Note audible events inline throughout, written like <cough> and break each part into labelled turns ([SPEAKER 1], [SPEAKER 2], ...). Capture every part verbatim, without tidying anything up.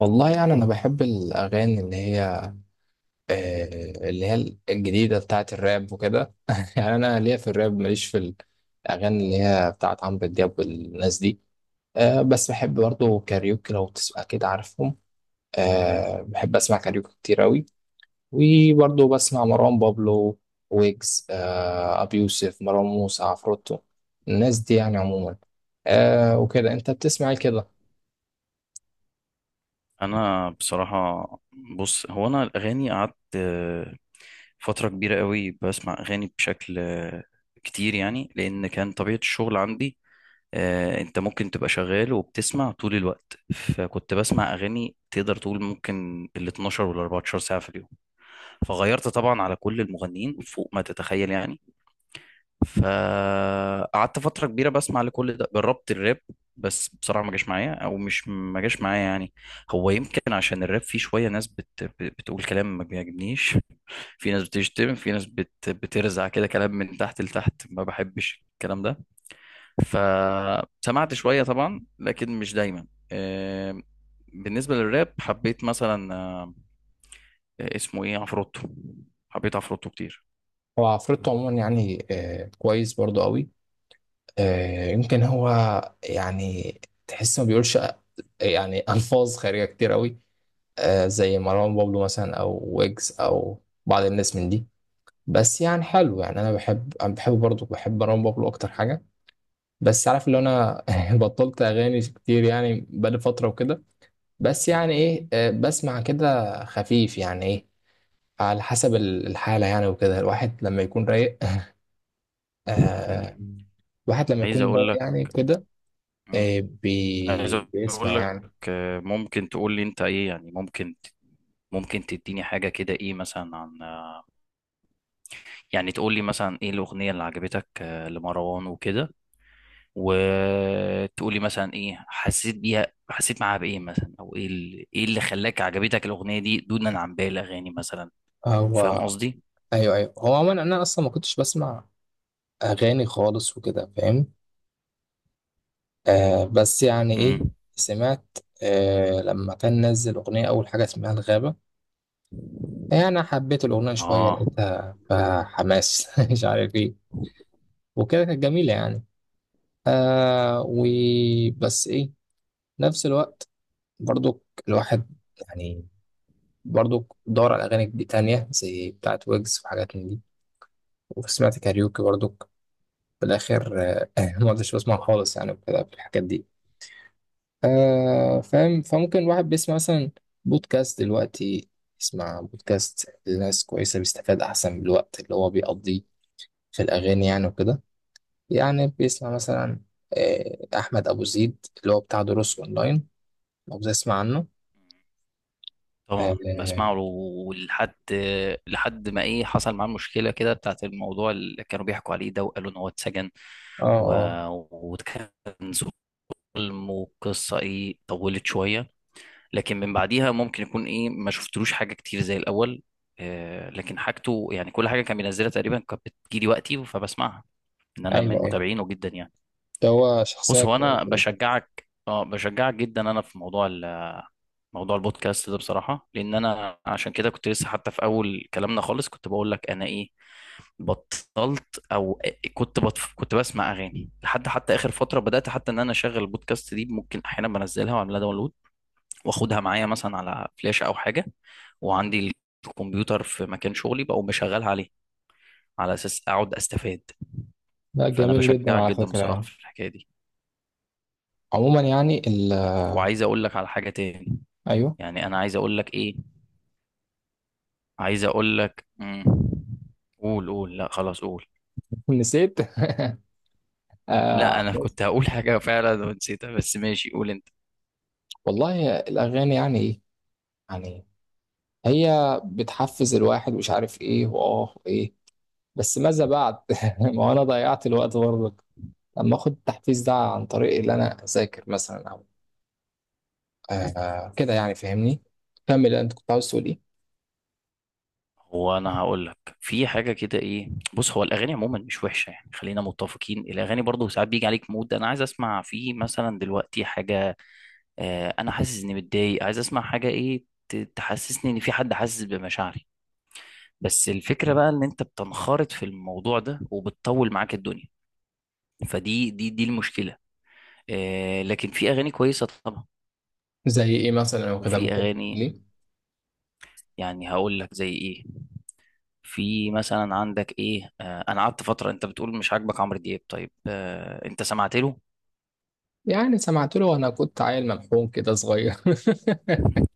[SPEAKER 1] والله يعني انا بحب الاغاني اللي هي آه، اللي هي الجديده بتاعت الراب وكده <laughs> يعني انا ليا في الراب ماليش في الاغاني اللي هي بتاعت عمرو دياب والناس دي. آه، بس بحب برضه كاريوكي لو تسمع كده عارفهم. آه، بحب اسمع كاريوكي كتير اوي، وبرضه بسمع مروان بابلو ويجز آه، ابي يوسف مروان موسى عفروتو، الناس دي يعني عموما. آه، وكده انت بتسمع إيه كده؟
[SPEAKER 2] انا بصراحه. بص هو انا الاغاني قعدت آه، فتره كبيره قوي بسمع اغاني بشكل آه، كتير يعني، لان كان طبيعه الشغل عندي. آه، انت ممكن تبقى شغال وبتسمع طول الوقت، فكنت بسمع اغاني تقدر تقول ممكن ال اتناشر وال اربعتاشر ساعه في اليوم. فغيرت طبعا على كل المغنيين فوق ما تتخيل يعني. فقعدت فترة كبيرة بسمع لكل ده. جربت الراب، بس بصراحة ما جاش معايا، او مش ما جاش معايا يعني. هو يمكن عشان الراب فيه شوية ناس بت... بتقول كلام ما بيعجبنيش. في ناس بتشتم، في ناس بت... بترزع كده كلام من تحت لتحت، ما بحبش الكلام ده. فسمعت شوية طبعا لكن مش دايما. آه، بالنسبة للراب حبيت مثلا آه، اسمه ايه، عفروتو. حبيت عفروتو كتير.
[SPEAKER 1] هو عفروتو عموما يعني آه، كويس برضه قوي. آه، يمكن هو يعني تحس ما بيقولش يعني <laughs> ألفاظ خارجة كتير قوي، آه، زي مروان بابلو مثلا أو ويجز أو بعض الناس من دي. بس يعني حلو يعني أنا بحب أنا بحب برضه بحب مروان بابلو أكتر حاجة. بس عارف اللي أنا <laughs> بطلت أغاني كتير يعني بقالي فترة وكده. بس يعني إيه، آه، بسمع كده خفيف يعني إيه على حسب الحالة يعني، وكده الواحد لما يكون رايق. آه، الواحد لما
[SPEAKER 2] عايز
[SPEAKER 1] يكون رايق
[SPEAKER 2] اقول
[SPEAKER 1] يعني كده
[SPEAKER 2] لك
[SPEAKER 1] إيه
[SPEAKER 2] عايز
[SPEAKER 1] بي... بيسمع
[SPEAKER 2] اقول لك
[SPEAKER 1] يعني.
[SPEAKER 2] آه، ممكن تقول لي انت ايه يعني؟ ممكن ممكن تديني حاجه كده، ايه مثلا عن آه، يعني تقول لي مثلا ايه الاغنيه اللي عجبتك آه، لمروان وكده، وتقول لي مثلا ايه حسيت بيها، حسيت معاها بايه مثلا، او ايه اللي ايه اللي خلاك عجبتك الاغنيه دي دونا عن باقي الاغاني مثلا. فاهم
[SPEAKER 1] هو
[SPEAKER 2] قصدي؟
[SPEAKER 1] ايوه ايوه، هو عموما انا اصلا ما كنتش بسمع اغاني خالص وكده، فاهم؟ آه بس يعني ايه،
[SPEAKER 2] امم
[SPEAKER 1] سمعت آه لما كان نزل اغنيه اول حاجه اسمها الغابه، يعني حبيت الاغنيه شويه،
[SPEAKER 2] اه.
[SPEAKER 1] لقيتها فحماس <laughs> مش عارف ايه، وكده كانت جميله يعني. آه
[SPEAKER 2] إمم.
[SPEAKER 1] وبس ايه، نفس الوقت برضو الواحد يعني برضو دور على اغاني دي تانية زي بتاعت ويجز وحاجات من دي، وسمعت كاريوكي برضو. في الاخر آه، <laughs> ما عدتش بسمع خالص يعني، وكده في الحاجات دي. آه فاهم؟ فممكن الواحد بيسمع مثلا بودكاست دلوقتي، يسمع بودكاست لناس كويسة، بيستفاد أحسن من الوقت اللي هو بيقضيه في الأغاني يعني وكده. يعني بيسمع مثلا آه أحمد أبو زيد، اللي هو بتاع دروس أونلاين، لو بتسمع عنه. آه
[SPEAKER 2] طبعا بسمعه،
[SPEAKER 1] آه.
[SPEAKER 2] ولحد لحد ما ايه حصل معاه مشكله كده بتاعت الموضوع اللي كانوا بيحكوا عليه ده، وقالوا ان هو اتسجن.
[SPEAKER 1] آه
[SPEAKER 2] و...
[SPEAKER 1] آه.
[SPEAKER 2] وكان ظلم، وقصه ايه طولت شويه، لكن من بعديها ممكن يكون ايه ما شفتلوش حاجه كتير زي الاول. آه، لكن حاجته يعني كل حاجه كان بينزلها تقريبا كانت بتجيلي وقتي فبسمعها، ان انا من
[SPEAKER 1] أيوه أيوه،
[SPEAKER 2] متابعينه جدا يعني.
[SPEAKER 1] ده هو شخصية
[SPEAKER 2] بص، هو
[SPEAKER 1] كويسة
[SPEAKER 2] انا
[SPEAKER 1] جدا.
[SPEAKER 2] بشجعك، اه بشجعك جدا انا، في موضوع ال- موضوع البودكاست ده بصراحه. لان انا عشان كده كنت لسه حتى في اول كلامنا خالص كنت بقول لك انا ايه، بطلت او كنت بطف، كنت بسمع اغاني لحد حتى اخر فتره. بدات حتى ان انا اشغل البودكاست دي، ممكن احيانا بنزلها واعملها داونلود، واخدها معايا مثلا على فلاشه او حاجه، وعندي الكمبيوتر في مكان شغلي بقوم بشغلها عليه على اساس اقعد استفاد.
[SPEAKER 1] لا
[SPEAKER 2] فانا
[SPEAKER 1] جميل جدا
[SPEAKER 2] بشجعك
[SPEAKER 1] على
[SPEAKER 2] جدا
[SPEAKER 1] فكرة
[SPEAKER 2] بصراحه
[SPEAKER 1] يعني.
[SPEAKER 2] في الحكايه دي.
[SPEAKER 1] عموما يعني ال آه،
[SPEAKER 2] وعايز اقول لك على حاجه تاني.
[SPEAKER 1] أيوه.
[SPEAKER 2] يعني انا عايز اقول لك ايه، عايز اقول لك مم. قول قول، لا خلاص قول.
[SPEAKER 1] <laughs> نسيت. <laughs> آه.
[SPEAKER 2] لا انا كنت هقول حاجه فعلا ونسيتها، بس ماشي قول انت.
[SPEAKER 1] والله الأغاني يعني إيه؟ يعني هي بتحفز الواحد، مش عارف إيه وآه وإيه، بس ماذا بعد؟ <laughs> ما هو أنا ضيعت الوقت برضك لما آخد التحفيز ده عن طريق اللي أنا أذاكر مثلا أو آه كده، يعني فاهمني؟ كمل أنت، كنت عاوز تقول إيه؟
[SPEAKER 2] هو انا هقول لك في حاجه كده ايه. بص هو الاغاني عموما مش وحشه يعني، خلينا متفقين. الاغاني برضو ساعات بيجي عليك مود انا عايز اسمع فيه مثلا دلوقتي حاجه، آه انا حاسس اني متضايق عايز اسمع حاجه ايه ت- تحسسني ان في حد حاسس بمشاعري. بس الفكره بقى ان انت بتنخرط في الموضوع ده وبتطول معاك الدنيا، فدي دي دي المشكله. آه لكن في اغاني كويسه طبعا،
[SPEAKER 1] زي إيه مثلا أو كده،
[SPEAKER 2] وفي
[SPEAKER 1] ممكن
[SPEAKER 2] اغاني،
[SPEAKER 1] ليه؟
[SPEAKER 2] يعني هقول لك زي ايه. في مثلا عندك ايه، آه انا قعدت فتره، انت بتقول مش عاجبك عمرو دياب، طيب آه انت سمعت له.
[SPEAKER 1] يعني سمعت له وأنا كنت عيل ممحون كده صغير <laughs>
[SPEAKER 2] <laughs>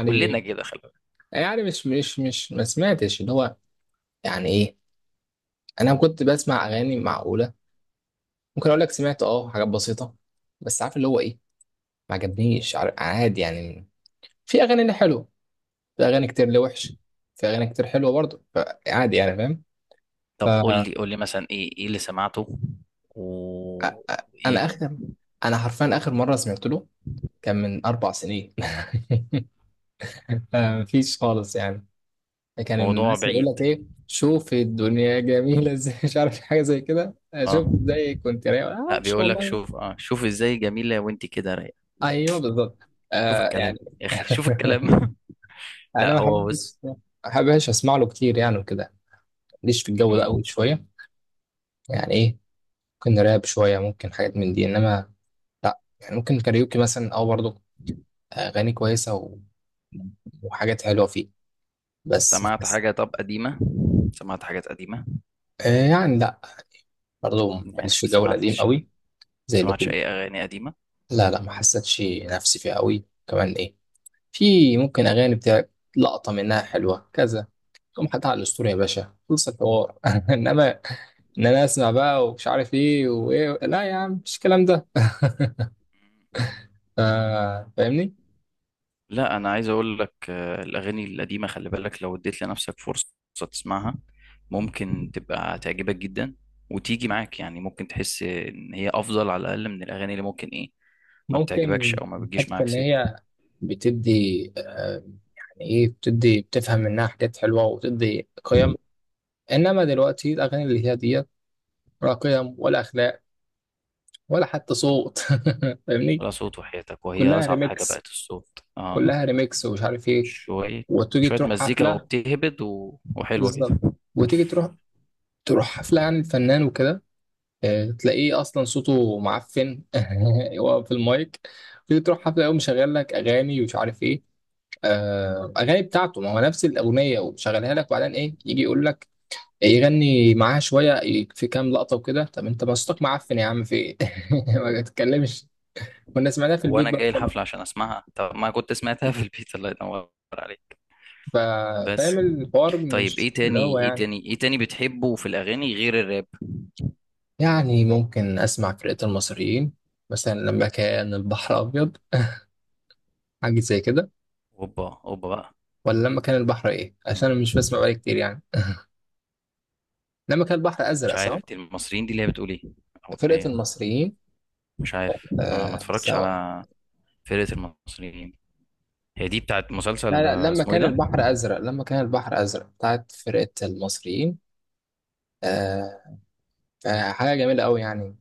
[SPEAKER 2] كلنا كده خلي بالك.
[SPEAKER 1] يعني مش مش مش ما سمعتش اللي هو يعني إيه؟ أنا كنت بسمع أغاني معقولة. ممكن اقول لك سمعت اه حاجات بسيطه، بس عارف اللي هو ايه، ما عجبنيش. عار- عادي يعني، في اغاني اللي حلوه، في اغاني كتير اللي وحش، في اغاني كتير حلوه برضه، عادي يعني، فاهم؟ ف
[SPEAKER 2] طب قول لي قول لي مثلا ايه، ايه اللي سمعته
[SPEAKER 1] أ-
[SPEAKER 2] و
[SPEAKER 1] أ- انا
[SPEAKER 2] إيه؟
[SPEAKER 1] اخر انا حرفيا اخر مره سمعت له كان من اربع سنين. <laughs> مفيش خالص يعني. كان
[SPEAKER 2] الموضوع
[SPEAKER 1] الناس يقول
[SPEAKER 2] بعيد
[SPEAKER 1] لك ايه، شوف الدنيا جميله ازاي، <laughs> مش عارف حاجه زي كده. آه،
[SPEAKER 2] اه.
[SPEAKER 1] شوف ازاي كنت رايق، آه،
[SPEAKER 2] لا
[SPEAKER 1] ما شاء
[SPEAKER 2] بيقول لك
[SPEAKER 1] الله يعني.
[SPEAKER 2] شوف اه، شوف ازاي جميله وانت كده رايقه.
[SPEAKER 1] ايوه بالظبط.
[SPEAKER 2] شوف
[SPEAKER 1] آه
[SPEAKER 2] الكلام
[SPEAKER 1] يعني.
[SPEAKER 2] يا اخي، شوف الكلام.
[SPEAKER 1] <laughs>
[SPEAKER 2] <laughs>
[SPEAKER 1] انا
[SPEAKER 2] لا
[SPEAKER 1] ما
[SPEAKER 2] هو
[SPEAKER 1] بحبش
[SPEAKER 2] بص.
[SPEAKER 1] ما بحبش اسمع له كتير يعني وكده، ماليش في الجو ده
[SPEAKER 2] مم.
[SPEAKER 1] قوي شويه. يعني ايه، ممكن راب شويه، ممكن حاجات من دي، انما لا يعني. ممكن كاريوكي مثلا، او برضه اغاني كويسه و... وحاجات حلوه فيه، بس ما
[SPEAKER 2] سمعت
[SPEAKER 1] حس...
[SPEAKER 2] حاجه طب قديمه؟ سمعت حاجات قديمه؟
[SPEAKER 1] آه يعني لا، برضه
[SPEAKER 2] يعني
[SPEAKER 1] ماليش
[SPEAKER 2] ما
[SPEAKER 1] في الجو القديم
[SPEAKER 2] سمعتش،
[SPEAKER 1] قوي
[SPEAKER 2] ما
[SPEAKER 1] زي
[SPEAKER 2] سمعتش
[SPEAKER 1] لكم.
[SPEAKER 2] اي اغاني قديمه؟
[SPEAKER 1] لا لا، ما حسيتش نفسي فيه قوي كمان ايه. في ممكن اغاني بتاع لقطه منها حلوه كذا، تقوم حاططها على الاسطوري يا باشا، خلص الحوار. <laughs> انما ان انا اسمع بقى ومش عارف ايه وايه، لا يا عم مش الكلام ده، فا- فاهمني؟
[SPEAKER 2] لا انا عايز اقول لك، آه، الاغاني القديمه خلي بالك، لو اديت لنفسك فرصه تسمعها ممكن تبقى تعجبك جدا، وتيجي معاك يعني، ممكن تحس ان هي افضل على الاقل من الاغاني اللي ممكن ايه ما بتعجبكش
[SPEAKER 1] ممكن
[SPEAKER 2] او ما بتجيش
[SPEAKER 1] حتة
[SPEAKER 2] معاك
[SPEAKER 1] ان
[SPEAKER 2] سكه.
[SPEAKER 1] هي بتدي آه، يعني ايه، بتدي بتفهم منها حاجات حلوه وبتدي قيم، انما دلوقتي الاغاني اللي هي ديت ولا قيم، ولا اخلاق، ولا حتى صوت. <laughs> فاهمني؟
[SPEAKER 2] ولا صوت وحياتك، وهي
[SPEAKER 1] كلها
[SPEAKER 2] اصعب حاجه
[SPEAKER 1] ريميكس،
[SPEAKER 2] بقت الصوت اه.
[SPEAKER 1] كلها ريميكس ومش عارف ايه.
[SPEAKER 2] شويه،
[SPEAKER 1] وتيجي
[SPEAKER 2] شويه
[SPEAKER 1] تروح
[SPEAKER 2] مزيكا
[SPEAKER 1] حفله،
[SPEAKER 2] وبتهبد، و... وحلوه كده.
[SPEAKER 1] بالظبط، وتيجي تروح تروح حفله عن الفنان وكده، آه، تلاقيه اصلا صوته معفن <laughs> هو في المايك. تيجي تروح حفله، يقوم مشغل لك اغاني ومش عارف ايه، آه، اغاني بتاعته، ما هو نفس الاغنيه ومشغلها لك، وبعدين ايه يجي يقول لك يغني معاها شويه في كام لقطه وكده. طب انت ما صوتك معفن يا عم، في ايه؟ <laughs> ما تتكلمش، كنا سمعناها في
[SPEAKER 2] هو
[SPEAKER 1] البيت
[SPEAKER 2] انا
[SPEAKER 1] بقى
[SPEAKER 2] جاي
[SPEAKER 1] خلاص.
[SPEAKER 2] الحفله عشان اسمعها؟ طب ما كنت سمعتها في البيت، الله ينور عليك.
[SPEAKER 1] ف- فاهم
[SPEAKER 2] بس.
[SPEAKER 1] الحوار،
[SPEAKER 2] طيب
[SPEAKER 1] مش
[SPEAKER 2] ايه
[SPEAKER 1] اللي هو
[SPEAKER 2] تاني، ايه
[SPEAKER 1] يعني.
[SPEAKER 2] تاني، ايه تاني بتحبه في الاغاني غير الراب؟
[SPEAKER 1] يعني ممكن اسمع فرقه المصريين مثلا، لما كان البحر ابيض <laughs> حاجه زي كده،
[SPEAKER 2] اوبا اوبا بقى.
[SPEAKER 1] ولا لما كان البحر ايه، عشان أنا
[SPEAKER 2] مم.
[SPEAKER 1] مش بسمع بقالي كتير يعني. <laughs> لما كان البحر ازرق،
[SPEAKER 2] مش
[SPEAKER 1] صح؟
[SPEAKER 2] عارف، دي المصريين دي اللي هي بتقول ايه؟ او اللي
[SPEAKER 1] فرقة
[SPEAKER 2] هي
[SPEAKER 1] المصريين.
[SPEAKER 2] مش عارف، ما, ما
[SPEAKER 1] آه
[SPEAKER 2] اتفرجتش
[SPEAKER 1] سوا.
[SPEAKER 2] على فرقة المصريين. هي دي بتاعت
[SPEAKER 1] لا
[SPEAKER 2] مسلسل
[SPEAKER 1] لا،
[SPEAKER 2] آه،
[SPEAKER 1] لما
[SPEAKER 2] اسمه ايه
[SPEAKER 1] كان
[SPEAKER 2] ده؟
[SPEAKER 1] البحر ازرق، لما كان البحر ازرق بتاعت فرقة المصريين. آه. آه، حاجة جميلة قوي يعني،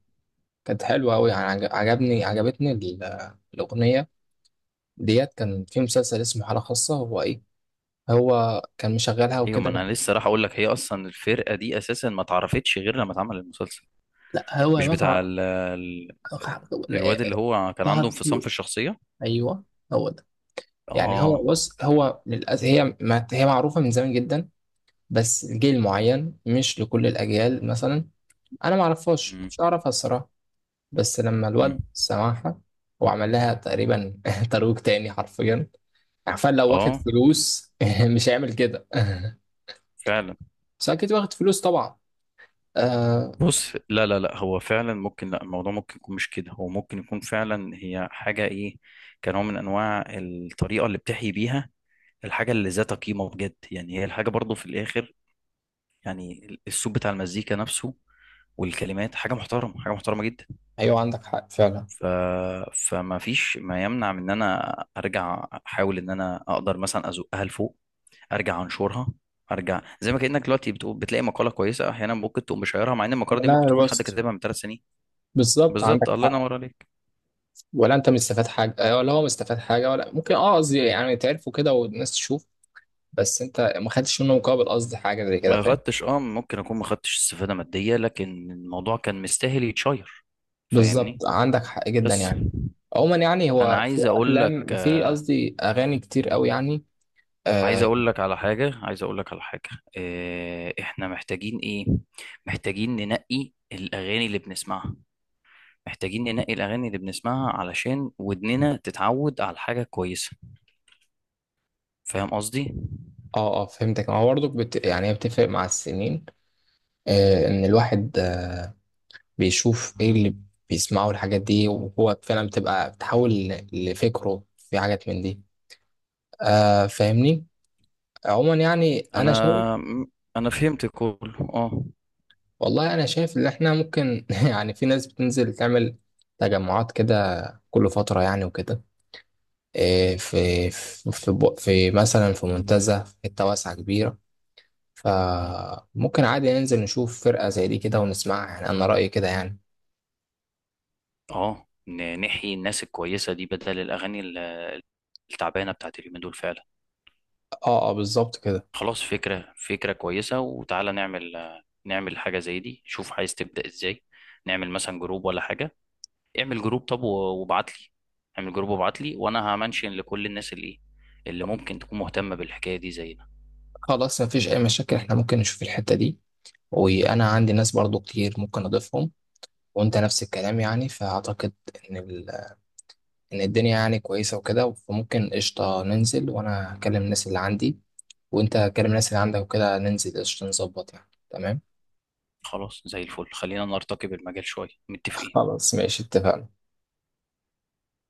[SPEAKER 1] كانت حلوة قوي يعني، عجب- عجبني عجبتني ال- الأغنية ديت. كان في مسلسل اسمه حالة خاصة، هو ايه، هو كان مشغلها
[SPEAKER 2] ايوه، ما
[SPEAKER 1] وكده، لا.
[SPEAKER 2] انا لسه راح اقول لك، هي اصلا الفرقة دي اساسا ما اتعرفتش غير لما اتعمل المسلسل.
[SPEAKER 1] لا، هو
[SPEAKER 2] مش بتاع
[SPEAKER 1] متعة.
[SPEAKER 2] ال... ال... الواد اللي هو كان
[SPEAKER 1] طه
[SPEAKER 2] عنده انفصام في
[SPEAKER 1] دسوقي.
[SPEAKER 2] الشخصية؟
[SPEAKER 1] ايوه، هو ده. يعني هو
[SPEAKER 2] اه.
[SPEAKER 1] بص، هو للأسف هي ما هي معروفة من زمان جدا، بس جيل معين، مش لكل الأجيال مثلا. أنا ما أعرفهاش،
[SPEAKER 2] مم.
[SPEAKER 1] مش أعرفها الصراحة. بس لما
[SPEAKER 2] مم.
[SPEAKER 1] الواد سمعها وعمل لها تقريبا <laughs> ترويج تاني حرفيا. عارفين لو واخد
[SPEAKER 2] اه
[SPEAKER 1] فلوس <laughs> مش هيعمل كده. <laughs>
[SPEAKER 2] فعلا.
[SPEAKER 1] بس أكيد واخد فلوس طبعا. آه.
[SPEAKER 2] بص، لا لا لا، هو فعلا ممكن، لا الموضوع ممكن يكون مش كده. هو ممكن يكون فعلا هي حاجة ايه، كنوع من انواع الطريقة اللي بتحيي بيها الحاجة اللي ذات قيمة بجد. يعني هي الحاجة برضو في الاخر، يعني الصوت بتاع المزيكا نفسه، والكلمات حاجة محترمة، حاجة محترمة جدا.
[SPEAKER 1] أيوه عندك حق فعلا.
[SPEAKER 2] ف... فما فيش ما يمنع من ان انا ارجع احاول ان انا اقدر مثلا ازقها لفوق، ارجع انشرها، ارجع زي ما كانك دلوقتي بتقول بتلاقي مقاله كويسه احيانا ممكن تقوم مشيرها، مع ان المقاله دي ممكن
[SPEAKER 1] لا
[SPEAKER 2] تكون حد
[SPEAKER 1] روست،
[SPEAKER 2] كاتبها من ثلاث سنين.
[SPEAKER 1] بالظبط
[SPEAKER 2] بالظبط،
[SPEAKER 1] عندك
[SPEAKER 2] الله
[SPEAKER 1] حق.
[SPEAKER 2] ينور عليك.
[SPEAKER 1] ولا أنت مستفاد حاجة، آه، ولا هو مستفاد حاجة، ولا ممكن أه قصدي يعني تعرفوا كده، والناس تشوف. بس انت ما خدتش منه مقابل، قصدي حاجه زي كده،
[SPEAKER 2] ما
[SPEAKER 1] فاهم؟
[SPEAKER 2] خدتش اه، ممكن اكون ما خدتش استفاده ماديه، لكن الموضوع كان مستاهل يتشير. فاهمني؟
[SPEAKER 1] بالظبط عندك حق جدا
[SPEAKER 2] بس
[SPEAKER 1] يعني. عموما يعني
[SPEAKER 2] انا
[SPEAKER 1] هو في
[SPEAKER 2] عايز اقول لك،
[SPEAKER 1] افلام، في قصدي اغاني كتير قوي يعني.
[SPEAKER 2] عايز
[SPEAKER 1] اه.
[SPEAKER 2] اقول لك على حاجه عايز اقول لك على حاجه آه، احنا محتاجين ايه، محتاجين ننقي الاغاني اللي بنسمعها. محتاجين ننقي الاغاني اللي بنسمعها علشان ودننا تتعود على حاجه كويسه. فاهم قصدي؟
[SPEAKER 1] اه. آه، فهمتك. ما هو برضك بت... يعني هي بتفرق مع السنين. آه ان الواحد آه، بيشوف ايه اللي بيسمعه، الحاجات دي وهو فعلا بتبقى بتحول ل- لفكره في حاجات من دي. آه فاهمني؟ عموما يعني انا شايف.
[SPEAKER 2] انا انا فهمت كله اه.
[SPEAKER 1] والله انا شايف ان احنا ممكن <laughs> يعني في ناس بتنزل تعمل تجمعات كده كل فترة يعني وكده. إيه، في في في بو- في مثلا في منتزه، في حته واسعه كبيره، فممكن عادي ننزل نشوف فرقه زي دي كده ونسمعها، يعني انا رايي كده يعني.
[SPEAKER 2] اه، ن- نحيي الناس الكويسه دي بدل الاغاني التعبانه بتاعت اليومين دول فعلا.
[SPEAKER 1] اه اه، بالظبط كده.
[SPEAKER 2] خلاص، فكره فكره كويسه، وتعالى نعمل نعمل حاجه زي دي. شوف عايز تبدا ازاي، نعمل مثلا جروب ولا حاجه؟ اعمل جروب، طب و- وابعت لي، اعمل جروب وابعت لي وانا همنشن لكل الناس اللي اللي ممكن تكون مهتمه بالحكايه دي زينا.
[SPEAKER 1] خلاص، مفيش اي مشاكل. احنا ممكن نشوف الحته دي، وانا عندي ناس برضو كتير ممكن اضيفهم، وانت نفس الكلام يعني، فاعتقد ان ال... ان الدنيا يعني كويسه وكده. فممكن قشطه ننزل، وانا اكلم الناس اللي عندي، وانت كلم الناس اللي عندك، وكده ننزل قشطه، نظبط يعني، تمام.
[SPEAKER 2] خلاص، زي الفل، خلينا نرتقي بالمجال شويه. متفقين؟
[SPEAKER 1] خلاص ماشي، اتفقنا.